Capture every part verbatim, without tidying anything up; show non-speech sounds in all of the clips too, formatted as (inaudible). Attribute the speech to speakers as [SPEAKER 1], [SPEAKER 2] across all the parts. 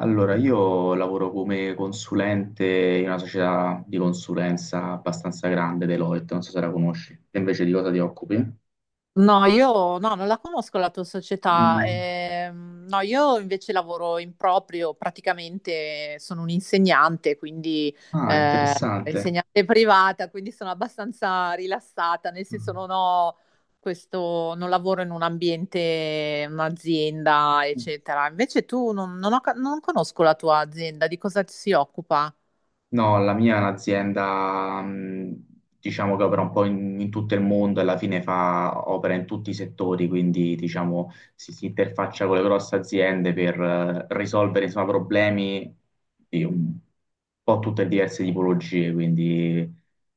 [SPEAKER 1] Allora, io lavoro come consulente in una società di consulenza abbastanza grande, Deloitte, non so se la conosci. Te invece di cosa ti occupi?
[SPEAKER 2] No, io no, non la conosco la tua società.
[SPEAKER 1] Mm.
[SPEAKER 2] Ehm, no, io invece lavoro in proprio, praticamente sono un'insegnante, quindi
[SPEAKER 1] Ah,
[SPEAKER 2] eh,
[SPEAKER 1] interessante.
[SPEAKER 2] insegnante privata, quindi sono abbastanza rilassata, nel senso non ho questo, non lavoro in un ambiente, un'azienda,
[SPEAKER 1] Mm.
[SPEAKER 2] eccetera. Invece tu non, non ho ca- non conosco la tua azienda, di cosa si occupa?
[SPEAKER 1] No, la mia è un'azienda, mh, diciamo che opera un po' in, in tutto il mondo e alla fine fa, opera in tutti i settori, quindi diciamo si, si interfaccia con le grosse aziende per eh, risolvere insomma, problemi di un po' tutte diverse tipologie, quindi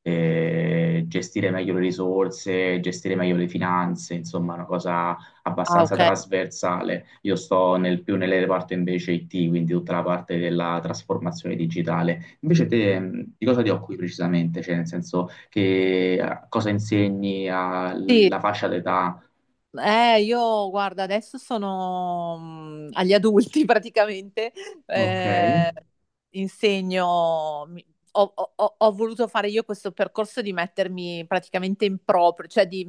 [SPEAKER 1] eh, gestire meglio le risorse, gestire meglio le finanze, insomma, una cosa
[SPEAKER 2] Ah,
[SPEAKER 1] abbastanza
[SPEAKER 2] ok.
[SPEAKER 1] trasversale. Io sto nel, più nel reparto invece I T, quindi tutta la parte della trasformazione digitale. Invece te, mh, di cosa ti occupi precisamente? Cioè, nel senso che eh, cosa insegni
[SPEAKER 2] Sì.
[SPEAKER 1] alla fascia d'età?
[SPEAKER 2] Eh, io guarda, adesso sono mm, agli adulti (laughs) praticamente,
[SPEAKER 1] Ok. E
[SPEAKER 2] eh, insegno, mi- ho, ho- ho- ho voluto fare io questo percorso di mettermi praticamente in proprio, cioè di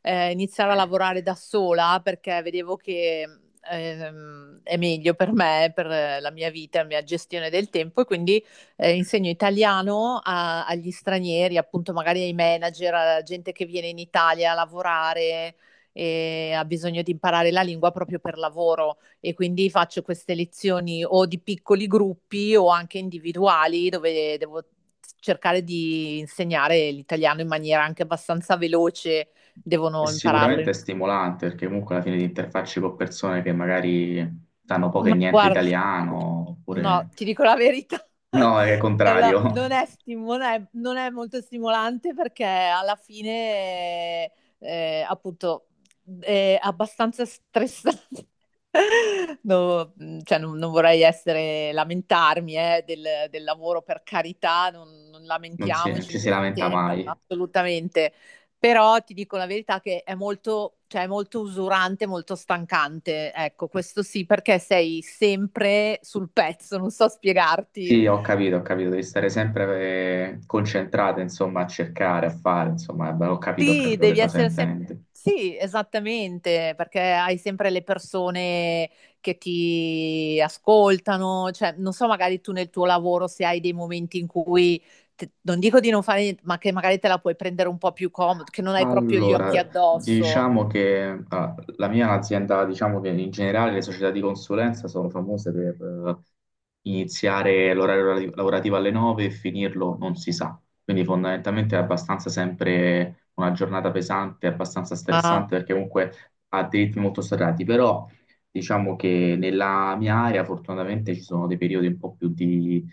[SPEAKER 2] eh, iniziare a lavorare da sola perché vedevo che ehm, è meglio per me, per eh, la mia vita, la mia gestione del tempo e quindi eh, insegno italiano a- agli stranieri, appunto magari ai manager, alla gente che viene in Italia a lavorare e ha bisogno di imparare la lingua proprio per lavoro e quindi faccio queste lezioni o di piccoli gruppi o anche individuali dove devo cercare di insegnare l'italiano in maniera anche abbastanza veloce, devono impararlo. in-
[SPEAKER 1] sicuramente è stimolante perché comunque alla fine ti interfacci con persone che magari sanno poco e
[SPEAKER 2] Ma
[SPEAKER 1] niente
[SPEAKER 2] guarda,
[SPEAKER 1] italiano,
[SPEAKER 2] no,
[SPEAKER 1] oppure
[SPEAKER 2] ti dico la verità. (laughs)
[SPEAKER 1] no, è il
[SPEAKER 2] È una-
[SPEAKER 1] contrario.
[SPEAKER 2] non è stimo- non è- non è molto stimolante perché alla fine, eh, appunto, è abbastanza stressante. (laughs) No, mh, cioè, non, non vorrei essere, lamentarmi, eh, del, del lavoro, per carità, non, non
[SPEAKER 1] (laughs) Non si- non
[SPEAKER 2] lamentiamoci in
[SPEAKER 1] ci si
[SPEAKER 2] questi
[SPEAKER 1] lamenta
[SPEAKER 2] tempi,
[SPEAKER 1] mai.
[SPEAKER 2] assolutamente. Però ti dico la verità che è molto, cioè, è molto usurante, molto stancante. Ecco, questo sì, perché sei sempre sul pezzo, non so spiegarti.
[SPEAKER 1] Sì, ho capito, ho capito, devi stare sempre eh, concentrato, insomma, a cercare, a fare, insomma, ho capito, ho
[SPEAKER 2] Sì,
[SPEAKER 1] capito che
[SPEAKER 2] devi
[SPEAKER 1] cosa
[SPEAKER 2] essere sempre...
[SPEAKER 1] intendi.
[SPEAKER 2] Sì, esattamente, perché hai sempre le persone che ti ascoltano, cioè non so, magari tu nel tuo lavoro se hai dei momenti in cui, te- non dico di non fare niente, ma che magari te la puoi prendere un po' più comodo, che non hai proprio gli occhi
[SPEAKER 1] Allora,
[SPEAKER 2] addosso.
[SPEAKER 1] diciamo che ah, la mia è un'azienda, diciamo che in generale le società di consulenza sono famose per eh, iniziare l'orario lavorati- lavorativo alle nove e finirlo non si sa. Quindi fondamentalmente è abbastanza sempre una giornata pesante, abbastanza
[SPEAKER 2] Ah,
[SPEAKER 1] stressante perché comunque ha dei ritmi molto serrati, però diciamo che nella mia area fortunatamente ci sono dei periodi un po' più di,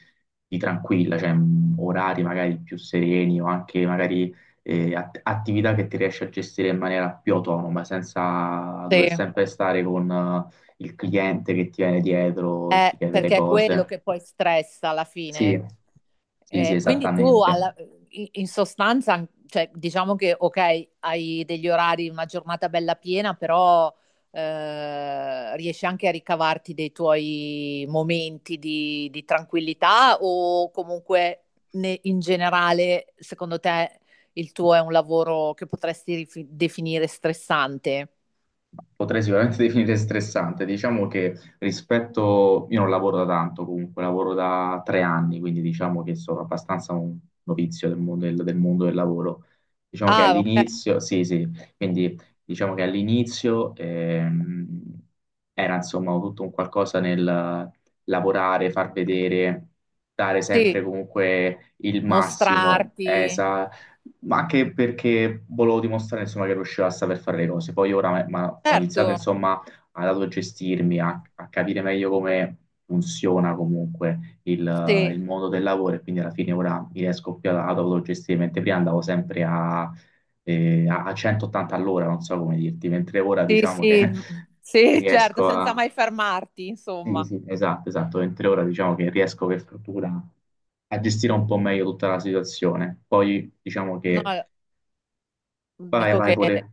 [SPEAKER 1] di tranquilla, cioè mh, orari magari più sereni o anche magari eh, att- attività che ti riesci a gestire in maniera più autonoma, senza dover
[SPEAKER 2] sì.
[SPEAKER 1] sempre stare con eh, il cliente che ti viene dietro e
[SPEAKER 2] Eh,
[SPEAKER 1] ti chiede le
[SPEAKER 2] perché è quello
[SPEAKER 1] cose.
[SPEAKER 2] che poi stressa alla
[SPEAKER 1] Sì,
[SPEAKER 2] fine.
[SPEAKER 1] sì, sì,
[SPEAKER 2] Eh, quindi tu
[SPEAKER 1] esattamente.
[SPEAKER 2] alla- in in sostanza, cioè, diciamo che ok, hai degli orari, una giornata bella piena, però eh, riesci anche a ricavarti dei tuoi momenti di, di tranquillità o comunque ne- in generale, secondo te, il tuo è un lavoro che potresti rifi- definire stressante?
[SPEAKER 1] Potrei sicuramente (laughs) definire stressante. Diciamo che rispetto, io non lavoro da tanto comunque, lavoro da tre anni, quindi diciamo che sono abbastanza un novizio del mondo del, del mondo del lavoro. Diciamo che
[SPEAKER 2] Ah, ok,
[SPEAKER 1] all'inizio, sì, sì, quindi diciamo che all'inizio ehm, era insomma tutto un qualcosa nel lavorare, far vedere, dare
[SPEAKER 2] sì,
[SPEAKER 1] sempre comunque il massimo.
[SPEAKER 2] mostrarti.
[SPEAKER 1] Esa, ma anche perché volevo dimostrare insomma, che riuscivo a saper fare le cose. Poi ora ma- ma ho
[SPEAKER 2] Certo,
[SPEAKER 1] iniziato insomma ad autogestirmi, a, a capire meglio come funziona comunque il, eh,
[SPEAKER 2] sì.
[SPEAKER 1] il mondo del lavoro e quindi alla fine ora mi riesco più ad ad autogestire, mentre prima andavo sempre a, eh, a a centottanta all'ora, non so come dirti, mentre ora
[SPEAKER 2] Sì,
[SPEAKER 1] diciamo che
[SPEAKER 2] sì,
[SPEAKER 1] (laughs)
[SPEAKER 2] sì, certo,
[SPEAKER 1] riesco
[SPEAKER 2] senza
[SPEAKER 1] a...
[SPEAKER 2] mai fermarti,
[SPEAKER 1] Sì,
[SPEAKER 2] insomma.
[SPEAKER 1] sì, esatto, esatto, mentre ora diciamo che riesco per fortuna a gestire un po' meglio tutta la situazione. Poi diciamo
[SPEAKER 2] No,
[SPEAKER 1] che Vai,
[SPEAKER 2] dico
[SPEAKER 1] vai
[SPEAKER 2] che
[SPEAKER 1] pure.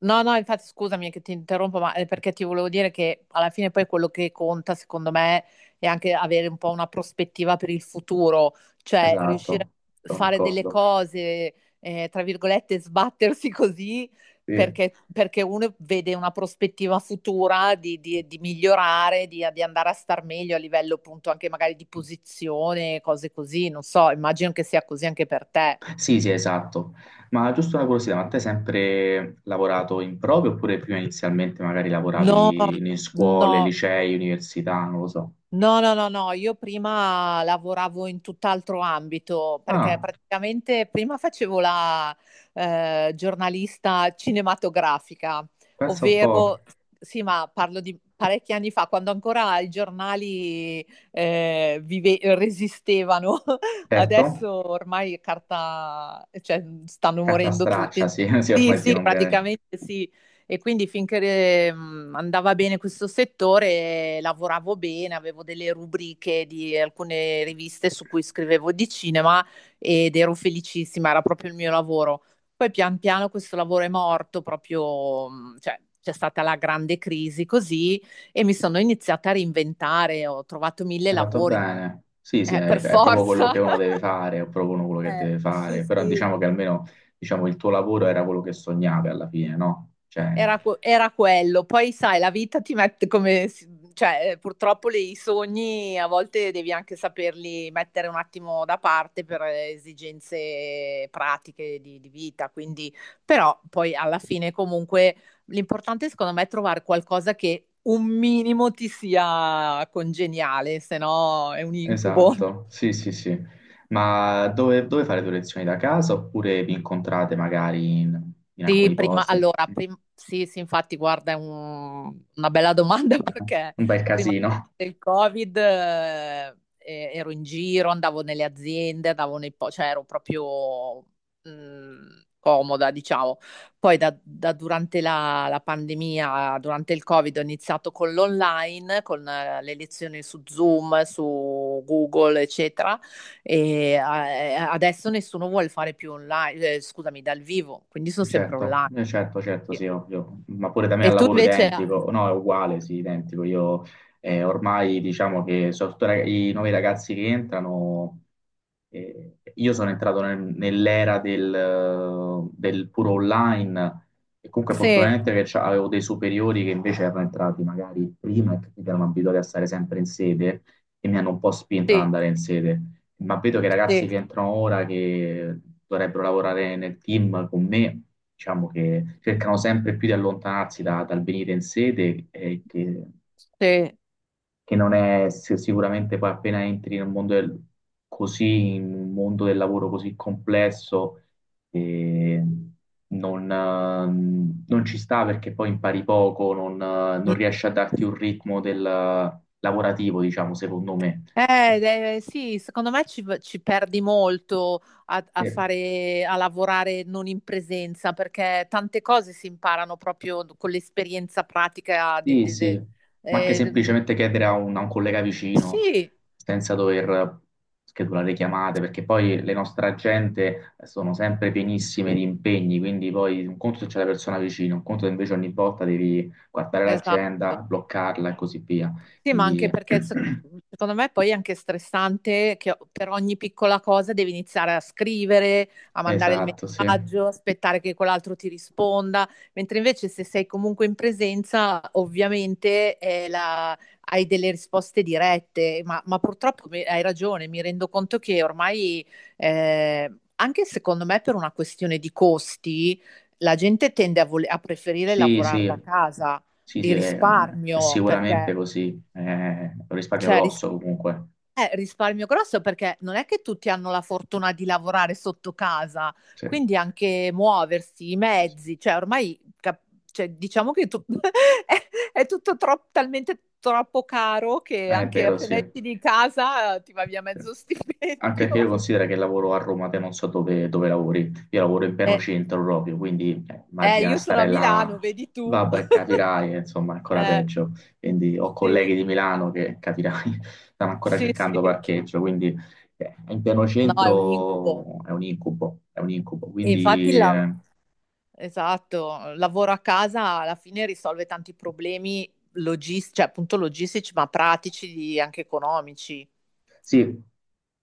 [SPEAKER 2] no, no, infatti scusami che ti interrompo, ma è perché ti volevo dire che alla fine poi quello che conta, secondo me, è anche avere un po' una prospettiva per il futuro, cioè riuscire
[SPEAKER 1] Esatto,
[SPEAKER 2] a
[SPEAKER 1] sono
[SPEAKER 2] fare delle
[SPEAKER 1] d'accordo.
[SPEAKER 2] cose, eh, tra virgolette, sbattersi (laughs) così,
[SPEAKER 1] Sì.
[SPEAKER 2] perché, perché uno vede una prospettiva futura di, di- di migliorare, di, di andare a star meglio a livello appunto anche magari di posizione, cose così, non so, immagino che sia così anche per te.
[SPEAKER 1] Sì, sì, esatto. Ma giusto una curiosità, ma te hai sempre lavorato in proprio oppure prima inizialmente magari
[SPEAKER 2] No,
[SPEAKER 1] lavoravi in
[SPEAKER 2] no,
[SPEAKER 1] scuole, licei, università, non lo so.
[SPEAKER 2] no, no, no, no, io prima lavoravo in tutt'altro ambito perché
[SPEAKER 1] Ah,
[SPEAKER 2] praticamente prima facevo la eh, giornalista cinematografica,
[SPEAKER 1] pensa un po'.
[SPEAKER 2] ovvero, sì, ma parlo di parecchi anni fa, quando ancora i giornali eh, vive- resistevano. (laughs)
[SPEAKER 1] Certo,
[SPEAKER 2] Adesso ormai carta, cioè, stanno
[SPEAKER 1] carta
[SPEAKER 2] morendo tutti.
[SPEAKER 1] straccia, sì, (laughs) sì,
[SPEAKER 2] Sì,
[SPEAKER 1] ormai sì,
[SPEAKER 2] sì,
[SPEAKER 1] non bene.
[SPEAKER 2] praticamente sì. E quindi finché eh, mh, andava bene questo settore, eh, lavoravo bene, avevo delle rubriche di alcune riviste su cui scrivevo di cinema ed ero felicissima, era proprio il mio lavoro. Poi pian piano questo lavoro è morto, proprio, mh, cioè, c'è stata la grande crisi così e mi sono iniziata a reinventare, ho trovato mille
[SPEAKER 1] Hai fatto
[SPEAKER 2] lavori,
[SPEAKER 1] bene. Sì, sì,
[SPEAKER 2] eh,
[SPEAKER 1] è,
[SPEAKER 2] per
[SPEAKER 1] è proprio quello
[SPEAKER 2] forza.
[SPEAKER 1] che uno deve
[SPEAKER 2] (laughs)
[SPEAKER 1] fare, è proprio uno quello che
[SPEAKER 2] Eh,
[SPEAKER 1] deve
[SPEAKER 2] sì,
[SPEAKER 1] fare, però
[SPEAKER 2] sì.
[SPEAKER 1] diciamo che almeno diciamo, il tuo lavoro era quello che sognavi alla fine, no? Cioè,
[SPEAKER 2] Era, que- era quello. Poi, sai, la vita ti mette come... si- Cioè, eh, purtroppo le- i sogni a volte devi anche saperli mettere un attimo da parte per eh, esigenze pratiche di, di vita. Quindi, però, poi alla fine, comunque, l'importante secondo me è trovare qualcosa che un minimo ti sia congeniale, se no è un incubo.
[SPEAKER 1] esatto, sì, sì, sì. Ma dove, dove fare le tue lezioni da casa oppure vi incontrate magari in, in
[SPEAKER 2] Sì,
[SPEAKER 1] alcuni
[SPEAKER 2] prima,
[SPEAKER 1] posti?
[SPEAKER 2] allora, prim- sì, sì, infatti, guarda, è un- una bella domanda (laughs) perché
[SPEAKER 1] Un bel
[SPEAKER 2] prima
[SPEAKER 1] casino.
[SPEAKER 2] del Covid eh, eh, ero in giro, andavo nelle aziende, andavo nei po- cioè ero proprio mh, comoda, diciamo. Poi da, da durante la, la pandemia, durante il Covid, ho iniziato con l'online, con eh, le lezioni su Zoom, su Google, eccetera. E eh, adesso nessuno vuole fare più online, eh, scusami, dal vivo, quindi sono sempre
[SPEAKER 1] Certo,
[SPEAKER 2] online.
[SPEAKER 1] eh, certo, certo,
[SPEAKER 2] Sì.
[SPEAKER 1] sì, ovvio, ma pure da me
[SPEAKER 2] E
[SPEAKER 1] al
[SPEAKER 2] tu
[SPEAKER 1] lavoro
[SPEAKER 2] invece, ah,
[SPEAKER 1] identico, no, è uguale, sì, identico. Io, eh, ormai diciamo che soprattutto i rag- i nuovi ragazzi che entrano. Eh, io sono entrato nel- nell'era del, eh, del puro online e comunque
[SPEAKER 2] sì,
[SPEAKER 1] fortunatamente che c'ha- avevo dei superiori che invece erano entrati magari prima e che quindi erano abituati a stare sempre in sede e mi hanno un po' spinto ad
[SPEAKER 2] sì,
[SPEAKER 1] andare in sede, ma vedo che i ragazzi
[SPEAKER 2] sì,
[SPEAKER 1] che entrano ora, che dovrebbero lavorare nel team con me, diciamo che cercano sempre più di allontanarsi da- dal venire in sede, e che,
[SPEAKER 2] sì.
[SPEAKER 1] che non è si- sicuramente poi appena entri nel mondo del, così, in un mondo del lavoro così complesso, eh, non, eh, non ci sta perché poi impari poco, non, eh, non
[SPEAKER 2] Mm.
[SPEAKER 1] riesci a darti un ritmo del lavorativo, diciamo, secondo me.
[SPEAKER 2] Eh, eh, sì, secondo me ci, ci perdi molto a, a
[SPEAKER 1] Eh,
[SPEAKER 2] fare, a lavorare non in presenza, perché tante cose si imparano proprio con l'esperienza pratica. de-
[SPEAKER 1] Sì,
[SPEAKER 2] de-
[SPEAKER 1] sì,
[SPEAKER 2] de-
[SPEAKER 1] ma anche
[SPEAKER 2] eh,
[SPEAKER 1] semplicemente chiedere a un, a un collega vicino
[SPEAKER 2] sì,
[SPEAKER 1] senza dover schedulare chiamate, perché poi le nostre agende sono sempre pienissime di impegni, quindi poi un conto se c'è la persona vicino, un conto se invece ogni volta devi guardare
[SPEAKER 2] esatto.
[SPEAKER 1] l'agenda, bloccarla e così via.
[SPEAKER 2] Sì, ma anche
[SPEAKER 1] Quindi,
[SPEAKER 2] perché se- secondo me poi è anche stressante che per ogni piccola cosa devi iniziare a scrivere, a mandare il
[SPEAKER 1] esatto, sì.
[SPEAKER 2] messaggio, aspettare che quell'altro ti risponda, mentre invece se sei comunque in presenza, ovviamente è la- hai delle risposte dirette, ma, ma purtroppo mi- hai ragione, mi rendo conto che ormai, eh, anche secondo me per una questione di costi, la gente tende a, vole- a preferire
[SPEAKER 1] Sì,
[SPEAKER 2] lavorare
[SPEAKER 1] sì,
[SPEAKER 2] da casa
[SPEAKER 1] sì, sì,
[SPEAKER 2] di
[SPEAKER 1] è, è
[SPEAKER 2] risparmio perché
[SPEAKER 1] sicuramente così, è un risparmio
[SPEAKER 2] cioè, ris-
[SPEAKER 1] grosso comunque.
[SPEAKER 2] eh, risparmio grosso perché non è che tutti hanno la fortuna di lavorare sotto casa,
[SPEAKER 1] Sì,
[SPEAKER 2] quindi anche muoversi, i
[SPEAKER 1] sì, sì.
[SPEAKER 2] mezzi, cioè ormai cap- cioè, diciamo che tu- (laughs) è, è tutto tro- talmente troppo caro che
[SPEAKER 1] È
[SPEAKER 2] anche
[SPEAKER 1] vero, sì.
[SPEAKER 2] appena esci di casa eh, ti va via
[SPEAKER 1] Sì.
[SPEAKER 2] mezzo (laughs)
[SPEAKER 1] Anche
[SPEAKER 2] stipendio.
[SPEAKER 1] perché io considero che lavoro a Roma, te non so dove, dove lavori, io lavoro in pieno
[SPEAKER 2] Eh,
[SPEAKER 1] centro proprio, quindi eh,
[SPEAKER 2] eh,
[SPEAKER 1] immagina
[SPEAKER 2] io sono a
[SPEAKER 1] stare
[SPEAKER 2] Milano,
[SPEAKER 1] là,
[SPEAKER 2] vedi tu.
[SPEAKER 1] vabbè,
[SPEAKER 2] (laughs)
[SPEAKER 1] capirai, eh, insomma, è ancora
[SPEAKER 2] Eh,
[SPEAKER 1] peggio. Quindi ho
[SPEAKER 2] sì,
[SPEAKER 1] colleghi di Milano che, capirai, (laughs) stanno ancora
[SPEAKER 2] sì, sì.
[SPEAKER 1] cercando parcheggio, quindi eh, in pieno
[SPEAKER 2] No, è un incubo.
[SPEAKER 1] centro è un incubo, è un incubo.
[SPEAKER 2] E infatti il,
[SPEAKER 1] Quindi
[SPEAKER 2] la-
[SPEAKER 1] eh,
[SPEAKER 2] esatto, il lavoro a casa alla fine risolve tanti problemi logis- cioè, appunto logistici, ma pratici, di- anche economici.
[SPEAKER 1] sì,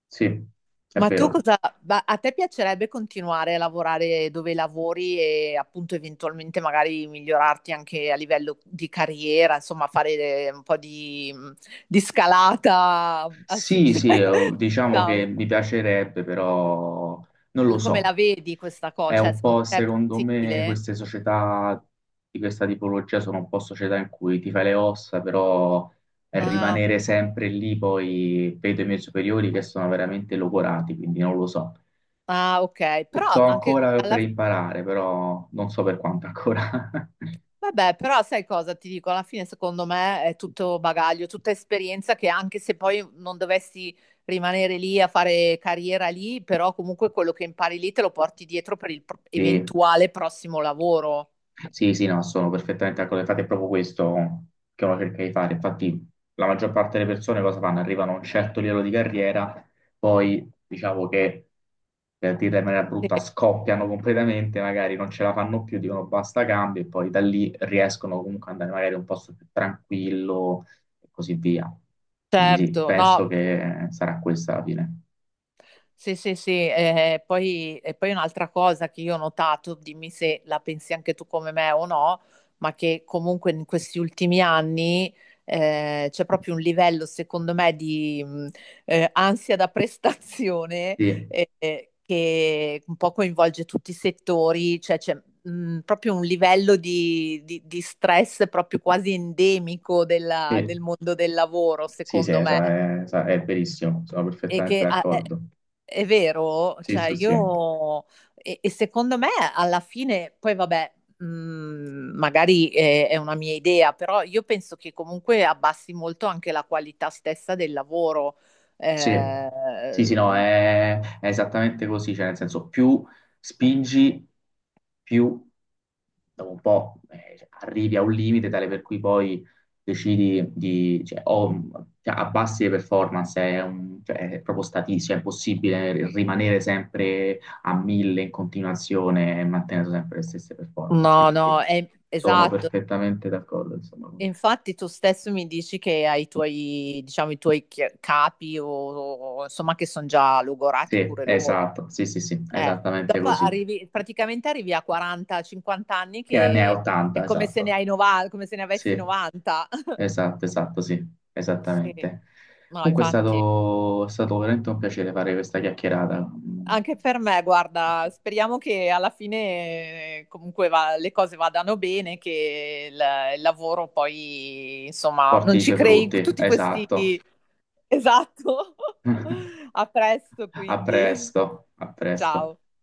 [SPEAKER 1] sì, è
[SPEAKER 2] Ma tu
[SPEAKER 1] vero.
[SPEAKER 2] cosa, ma a te piacerebbe continuare a lavorare dove lavori e appunto eventualmente magari migliorarti anche a livello di carriera, insomma, fare eh, un po' di, mhmm, di scalata al
[SPEAKER 1] Sì,
[SPEAKER 2] successo?
[SPEAKER 1] sì, eh,
[SPEAKER 2] (laughs)
[SPEAKER 1] diciamo che
[SPEAKER 2] Ciao.
[SPEAKER 1] mi piacerebbe, però non lo
[SPEAKER 2] Come la
[SPEAKER 1] so.
[SPEAKER 2] vedi questa cosa?
[SPEAKER 1] È
[SPEAKER 2] Cioè,
[SPEAKER 1] un
[SPEAKER 2] secondo
[SPEAKER 1] po',
[SPEAKER 2] te è
[SPEAKER 1] secondo me,
[SPEAKER 2] possibile?
[SPEAKER 1] queste società di questa tipologia sono un po' società in cui ti fai le ossa, però
[SPEAKER 2] Ah,
[SPEAKER 1] rimanere sempre lì, poi vedo i miei superiori che sono veramente logorati, quindi non lo so.
[SPEAKER 2] ah, ok,
[SPEAKER 1] Sto
[SPEAKER 2] però anche
[SPEAKER 1] ancora per
[SPEAKER 2] alla.
[SPEAKER 1] imparare, però non so per quanto ancora. (laughs)
[SPEAKER 2] Vabbè, però sai cosa ti dico? Alla fine, secondo me, è tutto bagaglio, tutta esperienza che anche se poi non dovessi rimanere lì a fare carriera lì, però comunque quello che impari lì te lo porti dietro per il pro-
[SPEAKER 1] Sì.
[SPEAKER 2] eventuale prossimo lavoro.
[SPEAKER 1] Sì, sì, no, sono perfettamente d'accordo. Infatti è proprio questo che uno cerca di fare. Infatti la maggior parte delle persone cosa fanno? Arrivano a un certo livello di carriera, poi diciamo che, per dirla in maniera brutta,
[SPEAKER 2] Sì,
[SPEAKER 1] scoppiano completamente, magari non ce la fanno più, dicono basta cambio e poi da lì riescono comunque ad andare magari in un posto più tranquillo e così via. Quindi sì,
[SPEAKER 2] certo,
[SPEAKER 1] penso
[SPEAKER 2] no.
[SPEAKER 1] che sarà questa la fine.
[SPEAKER 2] Sì, sì, sì, eh, eh, poi, e poi un'altra cosa che io ho notato, dimmi se la pensi anche tu come me o no, ma che comunque in questi ultimi anni eh, c'è proprio un livello, secondo me, di mh, eh, ansia da (laughs) prestazione
[SPEAKER 1] Sì,
[SPEAKER 2] eh, eh, che un po' coinvolge tutti i settori, cioè c'è mh, proprio un livello di, di- di stress proprio quasi endemico della-
[SPEAKER 1] sì,
[SPEAKER 2] del mondo del lavoro,
[SPEAKER 1] sì, sì,
[SPEAKER 2] secondo me.
[SPEAKER 1] esa- è, esa- è verissimo, sono
[SPEAKER 2] E
[SPEAKER 1] perfettamente
[SPEAKER 2] che, ah, eh,
[SPEAKER 1] d'accordo.
[SPEAKER 2] è vero,
[SPEAKER 1] Sì,
[SPEAKER 2] cioè
[SPEAKER 1] sì, sì.
[SPEAKER 2] io e, e secondo me alla fine, poi vabbè, mh, magari è, è una mia idea, però io penso che comunque abbassi molto anche la qualità stessa del lavoro.
[SPEAKER 1] Sì,
[SPEAKER 2] Eh,
[SPEAKER 1] sì, sì, no, è, è esattamente così, cioè nel senso più spingi, più dopo un po' eh, cioè, arrivi a un limite tale per cui poi decidi di, cioè, o- cioè, abbassi le performance, è, un- cioè, è proprio statistico, è impossibile rimanere sempre a mille in continuazione e mantenere sempre le stesse performance,
[SPEAKER 2] no, no,
[SPEAKER 1] quindi
[SPEAKER 2] è,
[SPEAKER 1] sono
[SPEAKER 2] esatto.
[SPEAKER 1] perfettamente d'accordo, insomma, con te.
[SPEAKER 2] Infatti tu stesso mi dici che hai i tuoi, diciamo, i tuoi chi- capi o, o, insomma, che sono già logorati
[SPEAKER 1] Sì,
[SPEAKER 2] pure loro.
[SPEAKER 1] esatto, sì, sì, sì,
[SPEAKER 2] Eh,
[SPEAKER 1] esattamente
[SPEAKER 2] dopo
[SPEAKER 1] così,
[SPEAKER 2] arrivi, praticamente arrivi a quaranta, cinquanta anni
[SPEAKER 1] che ne è
[SPEAKER 2] che è
[SPEAKER 1] ottanta,
[SPEAKER 2] come se ne
[SPEAKER 1] esatto.
[SPEAKER 2] hai novanta, come se ne avessi
[SPEAKER 1] Sì,
[SPEAKER 2] novanta. (laughs)
[SPEAKER 1] esatto, esatto, sì,
[SPEAKER 2] Sì,
[SPEAKER 1] esattamente.
[SPEAKER 2] no,
[SPEAKER 1] Comunque è
[SPEAKER 2] infatti.
[SPEAKER 1] stato, è stato veramente un piacere fare questa chiacchierata. Mm.
[SPEAKER 2] Anche per me, guarda, speriamo che alla fine eh, comunque va- le cose vadano bene, che il, il lavoro poi, insomma,
[SPEAKER 1] Porti
[SPEAKER 2] non
[SPEAKER 1] i
[SPEAKER 2] ci
[SPEAKER 1] suoi
[SPEAKER 2] crei
[SPEAKER 1] frutti,
[SPEAKER 2] tutti questi...
[SPEAKER 1] esatto.
[SPEAKER 2] Esatto.
[SPEAKER 1] (laughs)
[SPEAKER 2] (laughs) A presto,
[SPEAKER 1] A
[SPEAKER 2] quindi.
[SPEAKER 1] presto, a presto.
[SPEAKER 2] Ciao.